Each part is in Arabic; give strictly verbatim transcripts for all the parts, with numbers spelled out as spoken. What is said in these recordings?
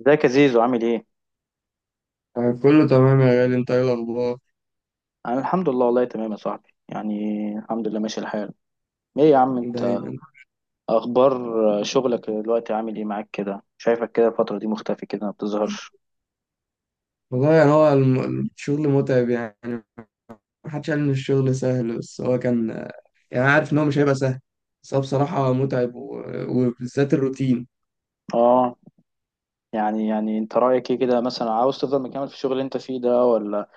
ازيك يا زيزو عامل ايه؟ يعني كله تمام يا غالي، انت ايه الاخبار؟ انا الحمد لله، والله تمام يا صاحبي، يعني الحمد لله ماشي الحال. ايه يا عم انت دايما. اخبار شغلك دلوقتي عامل ايه معاك كده؟ شايفك كده الفترة دي مختفي كده ما بتظهرش. والله يعني هو الم- الشغل متعب يعني. محدش قال ان الشغل سهل، بس هو كان، يعني أنا عارف ان هو مش هيبقى سهل، بس هو بصراحة متعب و... وبالذات الروتين. اه، يعني يعني انت رأيك ايه كده مثلا، عاوز تفضل مكمل في الشغل اللي انت فيه ده، ولا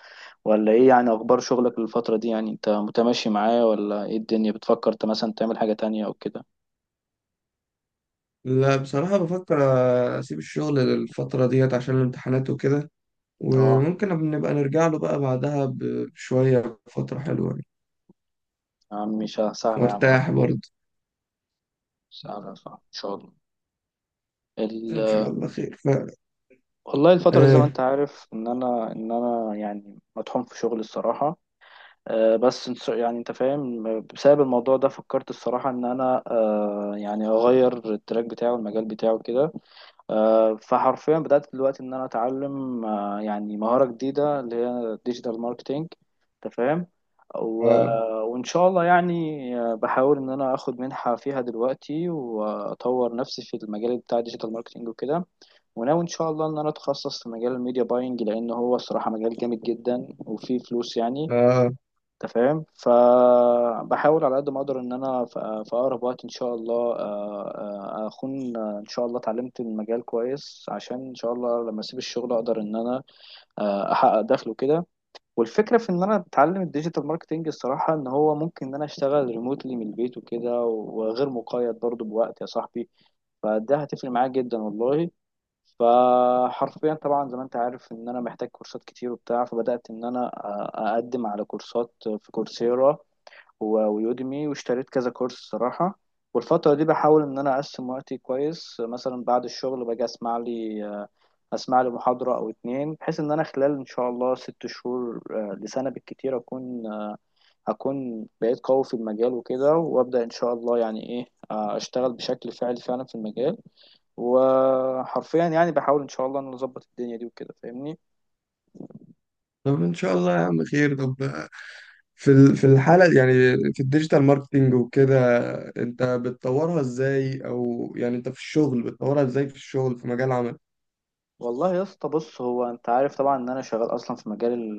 ولا ايه يعني؟ اخبار شغلك الفترة دي، يعني انت متماشي معاه ولا ايه؟ الدنيا بتفكر انت مثلا تعمل حاجة تانية او كده؟ لا بصراحة بفكر اسيب الشغل للفترة ديت عشان الامتحانات وكده، اه وممكن نبقى نرجع له بقى بعدها ب- بشوية فترة حلوة يعني، يا عم مش سهلة يا عم ربي، وارتاح برضه. سهلة صح ان شاء ان الله. شاء الله خير ف... والله الفترة دي زي ما انت ايه. عارف ان انا ان انا يعني مطحون في شغل الصراحة. أه بس انت- يعني انت فاهم، بسبب الموضوع ده فكرت الصراحة ان انا أه يعني اغير التراك بتاعه، المجال بتاعه كده. أه فحرفيا بدأت دلوقتي ان انا اتعلم أه يعني مهارة جديدة اللي هي ديجيتال ماركتينج، انت فاهم. و- اه. وان شاء الله يعني، آه، بحاول ان انا اخد منحة فيها دلوقتي واطور نفسي في المجال بتاع ديجيتال ماركتينج وكده. وناوي ان شاء الله ان انا اتخصص في مجال الميديا باينج، لان هو الصراحه مجال جامد جدا وفيه فلوس يعني، اه. انت فاهم. فبحاول على قد ما اقدر ان انا ف- في اقرب وقت ان شاء الله آه، آه، اكون آه، ان شاء الله اتعلمت المجال كويس، عشان ان شاء الله لما اسيب الشغل اقدر ان انا آه، احقق دخل وكده. والفكره في ان انا اتعلم الديجيتال ماركتنج الصراحه ان هو ممكن ان انا اشتغل ريموتلي من البيت وكده، وغير مقيد برضو بوقت يا صاحبي، فده هتفرق معايا جدا والله. فحرفيا طبعا زي ما انت عارف ان انا محتاج كورسات كتير وبتاع، فبدأت ان انا أ- اقدم على كورسات في كورسيرا و- ويوديمي، واشتريت كذا كورس صراحة. والفترة دي بحاول ان انا اقسم وقتي كويس، مثلا بعد الشغل باجي اسمع لي اسمع لي محاضرة او اتنين، بحيث ان انا خلال ان شاء الله ست شهور، آه، لسنة بالكتير اكون اكون بقيت قوي في المجال وكده، وابدأ ان شاء الله يعني ايه، آه، اشتغل بشكل فعلي فعلا في المجال. وحرفيا يعني بحاول ان شاء الله ان أنا اظبط الدنيا دي وكده، فاهمني. طب ان شاء الله يا عم خير. طب في ال- في الحالة يعني، في الديجيتال ماركتينج وكده، انت بتطورها ازاي؟ او يعني انت في الشغل بتطورها ازاي في الشغل في مجال عمل؟ والله يا اسطى بص، هو انت عارف طبعا ان انا شغال اصلا في مجال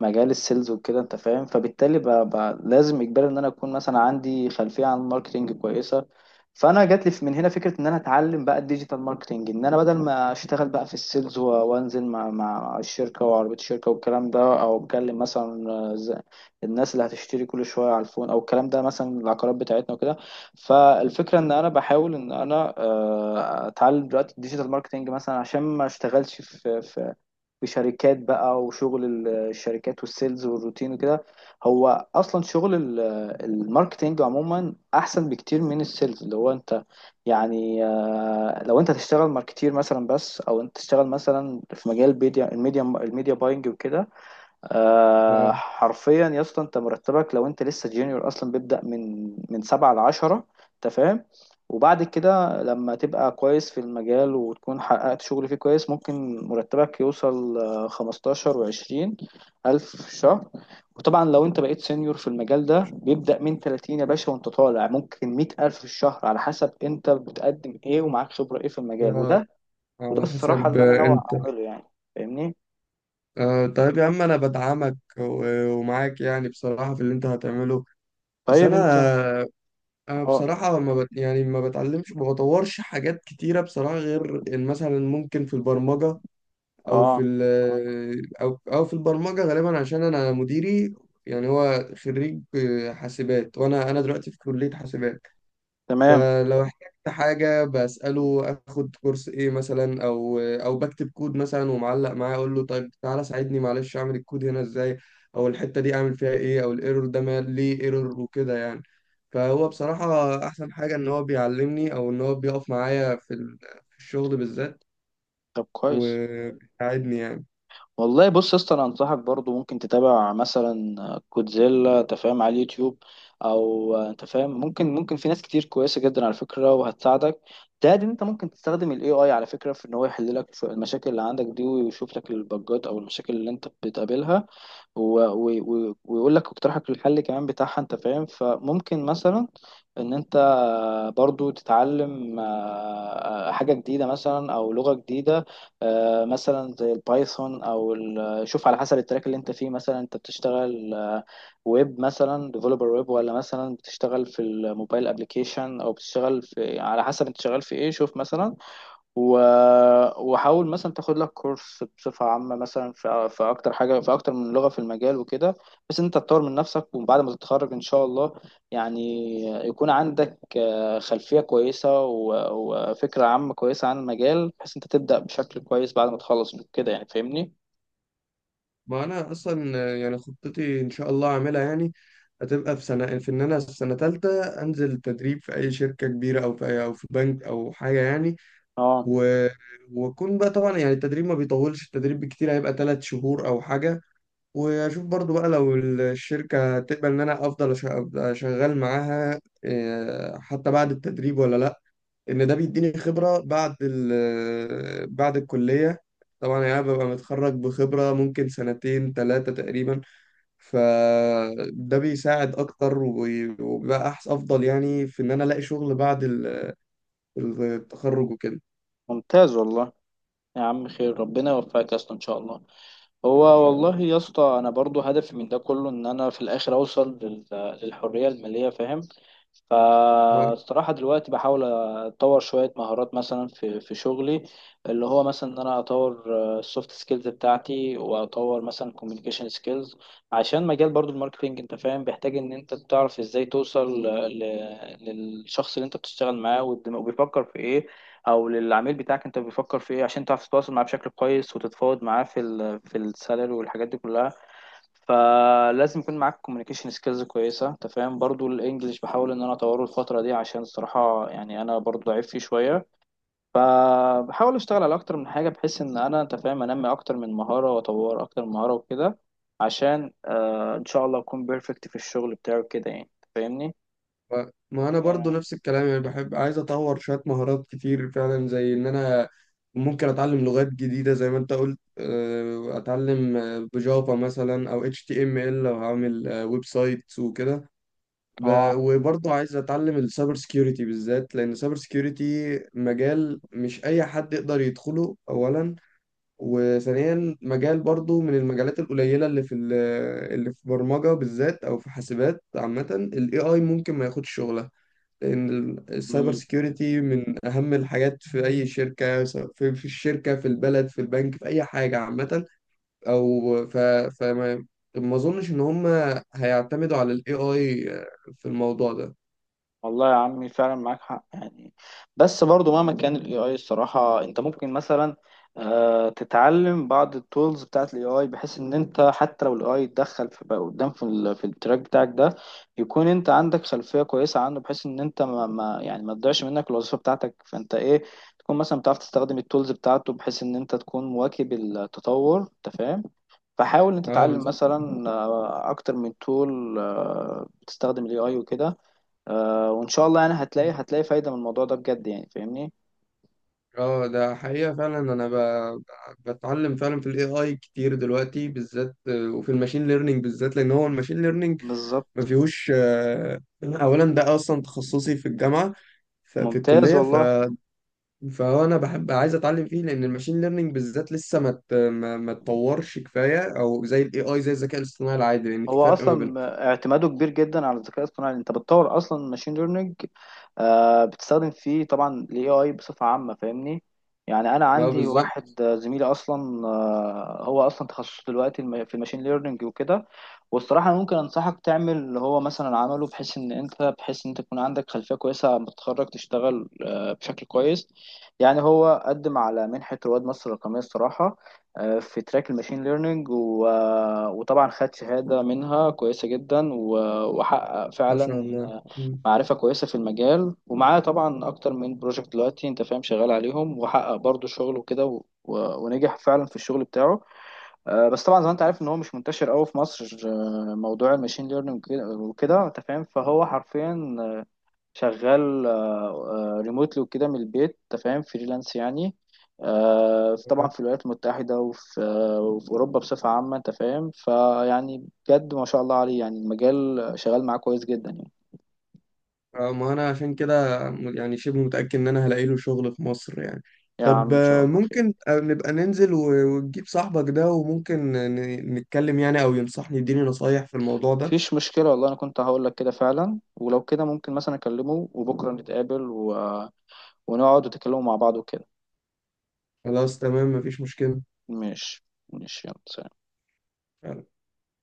مجال السيلز وكده، انت فاهم، فبالتالي ب... ب... لازم اجباري ان انا اكون مثلا عندي خلفيه عن الماركتنج كويسه. فانا جات لي في- من هنا فكره ان انا اتعلم بقى الديجيتال ماركتنج، ان انا بدل ما اشتغل بقى في السيلز و- وانزل مع مع الشركه وعربيه الشركه والكلام ده، او بكلم مثلا آه، ز- الناس اللي هتشتري كل شويه على الفون او الكلام ده، مثلا العقارات بتاعتنا وكده. فالفكره ان انا بحاول ان انا آه، اتعلم دلوقتي الديجيتال ماركتنج مثلا، عشان ما اشتغلش في في في شركات بقى وشغل ال- الشركات والسيلز والروتين وكده. هو اصلا شغل ال- الماركتينج عموما احسن بكتير من السيلز، اللي هو انت يعني، آه، لو انت تشتغل ماركتير مثلا بس، او انت تشتغل مثلا في مجال الميديا الميديا الميديا باينج وكده، آه آه، حرفيا يا اسطى انت مرتبك لو انت لسه جونيور اصلا بيبدأ من من سبعة لعشرة، انت فاهم. وبعد كده لما تبقى كويس في المجال وتكون حققت شغل فيه كويس، ممكن مرتبك يوصل آه، خمستاشر وعشرين ألف في الشهر. وطبعا لو انت بقيت سينيور في المجال ده بيبدأ من تلاتين يا باشا، وانت طالع ممكن مية ألف في الشهر، على حسب انت بتقدم ايه ومعاك خبرة ايه في المجال آه، وده. وده على الصراحة حسب اللي انا آه، ناوي انت. اعمله يعني، فاهمني. آه، طيب يا عم انا بدعمك و- ومعاك يعني بصراحة في اللي انت هتعمله. بس طيب انت، انا انا اه بصراحة، ما بت يعني ما بتعلمش، ما بطورش حاجات كتيرة بصراحة، غير ان مثلا ممكن في البرمجة، او اه في ال او او في البرمجه غالبا عشان انا مديري يعني هو خريج حاسبات، وانا انا دلوقتي في كليه حاسبات. تمام، فلو احتجت حاجه بساله اخد كورس ايه مثلا، او او بكتب كود مثلا ومعلق معاه، اقول له طيب تعالى ساعدني معلش، اعمل الكود هنا ازاي؟ او الحته دي اعمل فيها ايه؟ او الايرور ده مال- ليه ايرور وكده يعني. فهو بصراحه احسن حاجه ان هو بيعلمني، او ان هو بيقف معايا في ال- في الشغل بالذات، طب كويس. وبيساعدني يعني. والله بص يا اسطى انا انصحك برضو ممكن تتابع مثلا كودزيلا، انت فاهم، على اليوتيوب، او انت فاهم ممكن ممكن في ناس كتير كويسه جدا على فكره وهتساعدك. ده ان انت ممكن تستخدم الاي اي على فكره، في ان هو يحل لك شو- المشاكل اللي عندك دي، ويشوف لك البجات او المشاكل اللي انت بتقابلها، و- و- و- ويقول لك اقتراحك للحل كمان بتاعها، انت فاهم. فممكن مثلا ان انت برضو تتعلم آه، آه، حاجة جديدة مثلا، او لغة جديدة آه، مثلا زي البايثون، او ال- آه، شوف على حسب التراك اللي انت فيه، مثلا انت بتشتغل آه، ويب مثلا، ديفلوبر ويب، ولا مثلا بتشتغل في الموبايل ابليكيشن، او بتشتغل في، على حسب انت شغال في ايه، شوف مثلا و... وحاول مثلا تاخد لك كورس بصفة عامة مثلا في, في أكتر حاجة، في أكتر من لغة في المجال وكده، بس أنت تطور من نفسك. وبعد ما تتخرج إن شاء الله يعني يكون عندك آه، خلفية كويسة و... وفكرة عامة كويسة عن المجال، بحيث أنت تبدأ بشكل كويس بعد ما تخلص كده يعني، فاهمني؟ ما انا اصلا آه، يعني خطتي ان شاء الله اعملها يعني هتبقى في سنه في ان انا في سنه ثالثه انزل تدريب في اي شركه كبيره، او في أي او في بنك او حاجه يعني. أه و... واكون بقى طبعا يعني، التدريب ما بيطولش، التدريب بالكتير هيبقى ثلاث شهور او حاجه. واشوف برضو بقى لو الشركه هتقبل ان انا افضل أش- أبقى شغال معاها آه، حتى بعد التدريب ولا لا. ان ده بيديني خبرة بعد ال بعد الكلية. طبعا يعني أنا ببقى متخرج بخبرة ممكن سنتين ثلاثة تقريبا، فده بيساعد أكتر وبي- وبيبقى أحسن أفضل يعني في إن أنا ألاقي شغل بعد ال- التخرج وكده. ممتاز والله يا عم، خير ربنا يوفقك أصلا إن شاء الله. هو والله يا اسطى انا برضو هدفي من ده كله ان انا في الاخر اوصل لل- للحريه الماليه، فاهم. ف- فالصراحه دلوقتي بحاول اطور شويه مهارات مثلا في في شغلي، اللي هو مثلا ان انا اطور السوفت سكيلز بتاعتي، واطور مثلا كوميونيكيشن سكيلز، عشان مجال برضو الماركتينج انت فاهم بيحتاج ان انت تعرف ازاي توصل ل- للشخص اللي انت بتشتغل معاه وبيفكر في ايه، او للعميل بتاعك انت بيفكر في ايه، عشان تعرف تتواصل معاه بشكل كويس وتتفاوض معاه في ال في السالري والحاجات دي كلها. فلازم يكون معاك كوميونيكيشن سكيلز كويسه، انت فاهم. برضو الانجليش بحاول ان انا اطوره الفتره دي، عشان الصراحه يعني انا برضو ضعيف فيه شويه. فبحاول اشتغل على اكتر من حاجه، بحيث ان انا انت فاهم انمي اكتر من مهاره واطور اكتر من مهاره وكده، عشان آه ان شاء الله اكون بيرفكت في الشغل بتاعي كده يعني، أنت فاهمني. ما ما انا برضو نفس الكلام يعني، بحب عايز اطور شوية مهارات كتير فعلا، زي ان انا ممكن اتعلم لغات جديدة زي ما انت قلت، آه، اتعلم آه، بجافا مثلا، او اتش تي ام ال لو هعمل آه، ويب سايت وكده. اه ب- وبرضو عايز اتعلم السايبر سكيورتي بالذات، لان السايبر سكيورتي مجال مش اي حد يقدر يدخله اولا. وثانيا، مجال برضو من المجالات القليلة اللي في ال- اللي في برمجة بالذات او في حاسبات عامة، الاي اي ممكن ما ياخدش شغلها. ان السايبر آه. سيكيورتي من اهم الحاجات في اي شركه، سواء في في الشركه، في البلد، في البنك، في اي حاجه عامه، او ف فما ما اظنش ان هم هيعتمدوا على الاي اي في الموضوع ده. والله يا عمي فعلا معاك حق يعني، بس برضو مهما كان الاي اي الصراحة، انت ممكن مثلا آه، تتعلم بعض التولز بتاعت الاي اي، بحيث ان انت حتى لو الاي اي اتدخل في بقى قدام في, ال- في التراك بتاعك ده، يكون انت عندك خلفية كويسة عنه، بحيث ان انت ما, ما يعني ما تضيعش منك الوظيفة بتاعتك، فانت ايه، تكون مثلا بتعرف تستخدم التولز بتاعته، بحيث ان انت تكون مواكب التطور، انت فاهم. فحاول انت اه تتعلم بالظبط. مثلا آه، اكتر من تول بتستخدم الاي اي وكده، آه وان شاء الله يعني هتلاقي هتلاقي فايدة من الموضوع ده بجد يعني، فاهمني. اه ده حقيقة، فعلا انا ب... ب- بتعلم فعلا في الاي اي كتير دلوقتي بالذات، آه، وفي الماشين ليرنينج بالذات، لان هو الماشين ليرنينج ما بالظبط فيهوش. آه، اولا ده اصلا تخصصي في الجامعة، ف- في ممتاز الكلية. ف والله، فانا بحب عايز اتعلم فيه، لان الماشين ليرنينج بالذات لسه ما ت- ما ما اتطورش كفايه او زي الاي اي زي الذكاء الاصطناعي العادي، لان في هو فرق ما بينهم. اصلا اعتماده كبير جدا على الذكاء الاصطناعي، انت بتطور اصلا ماشين ليرنينج آه بتستخدم فيه طبعا الاي اي بصفه عامه، فاهمني. يعني انا اه عندي بالظبط. واحد آه، زميلي اصلا آه هو اصلا تخصصه دلوقتي الم- في الماشين ليرنينج وكده. والصراحه أنا ممكن انصحك تعمل اللي هو مثلا عمله، بحيث ان انت بحيث ان انت تكون عندك خلفيه كويسه لما تتخرج تشتغل آه بشكل كويس. يعني هو قدم على منحه رواد مصر الرقميه الصراحه، في تراك الماشين ليرنينج و... وطبعا خد شهادة منها كويسة جدا و... وحقق ما شاء فعلا الله. مم. معرفة كويسة في المجال، ومعاه طبعا أكتر من بروجكت دلوقتي أنت فاهم شغال عليهم، وحقق برضه شغل وكده و... و... ونجح فعلا في الشغل بتاعه. آه، بس طبعا زي ما أنت عارف إن هو مش منتشر أوي في مصر آه، موضوع الماشين ليرنينج وكده وكده، أنت فاهم. فهو حرفيا شغال ريموتلي وكده من البيت، انت فاهم، فريلانس يعني. آه، في- طبعا في الولايات المتحدة وفي آه، وفي أوروبا بصفة عامة، انت فاهم، فيعني بجد ما شاء الله عليه يعني، المجال شغال معاه كويس جدا يعني. اه ما انا عشان كده م- يعني شبه متاكد ان انا هلاقي له شغل في مصر يعني. يا عم طب إن شاء آه، الله خير. ممكن آه، نبقى ننزل و- وتجيب صاحبك ده، وممكن ن- نتكلم يعني، او ينصحني يديني نصايح في الموضوع ده. مفيش مشكلة والله، أنا كنت هقول لك كده فعلا، ولو كده ممكن مثلا أكلمه وبكرة نتقابل و... آه، ونقعد وتكلموا مع بعض وكده. خلاص تمام، مفيش مشكله. ماشي ماشي، يلا سلام.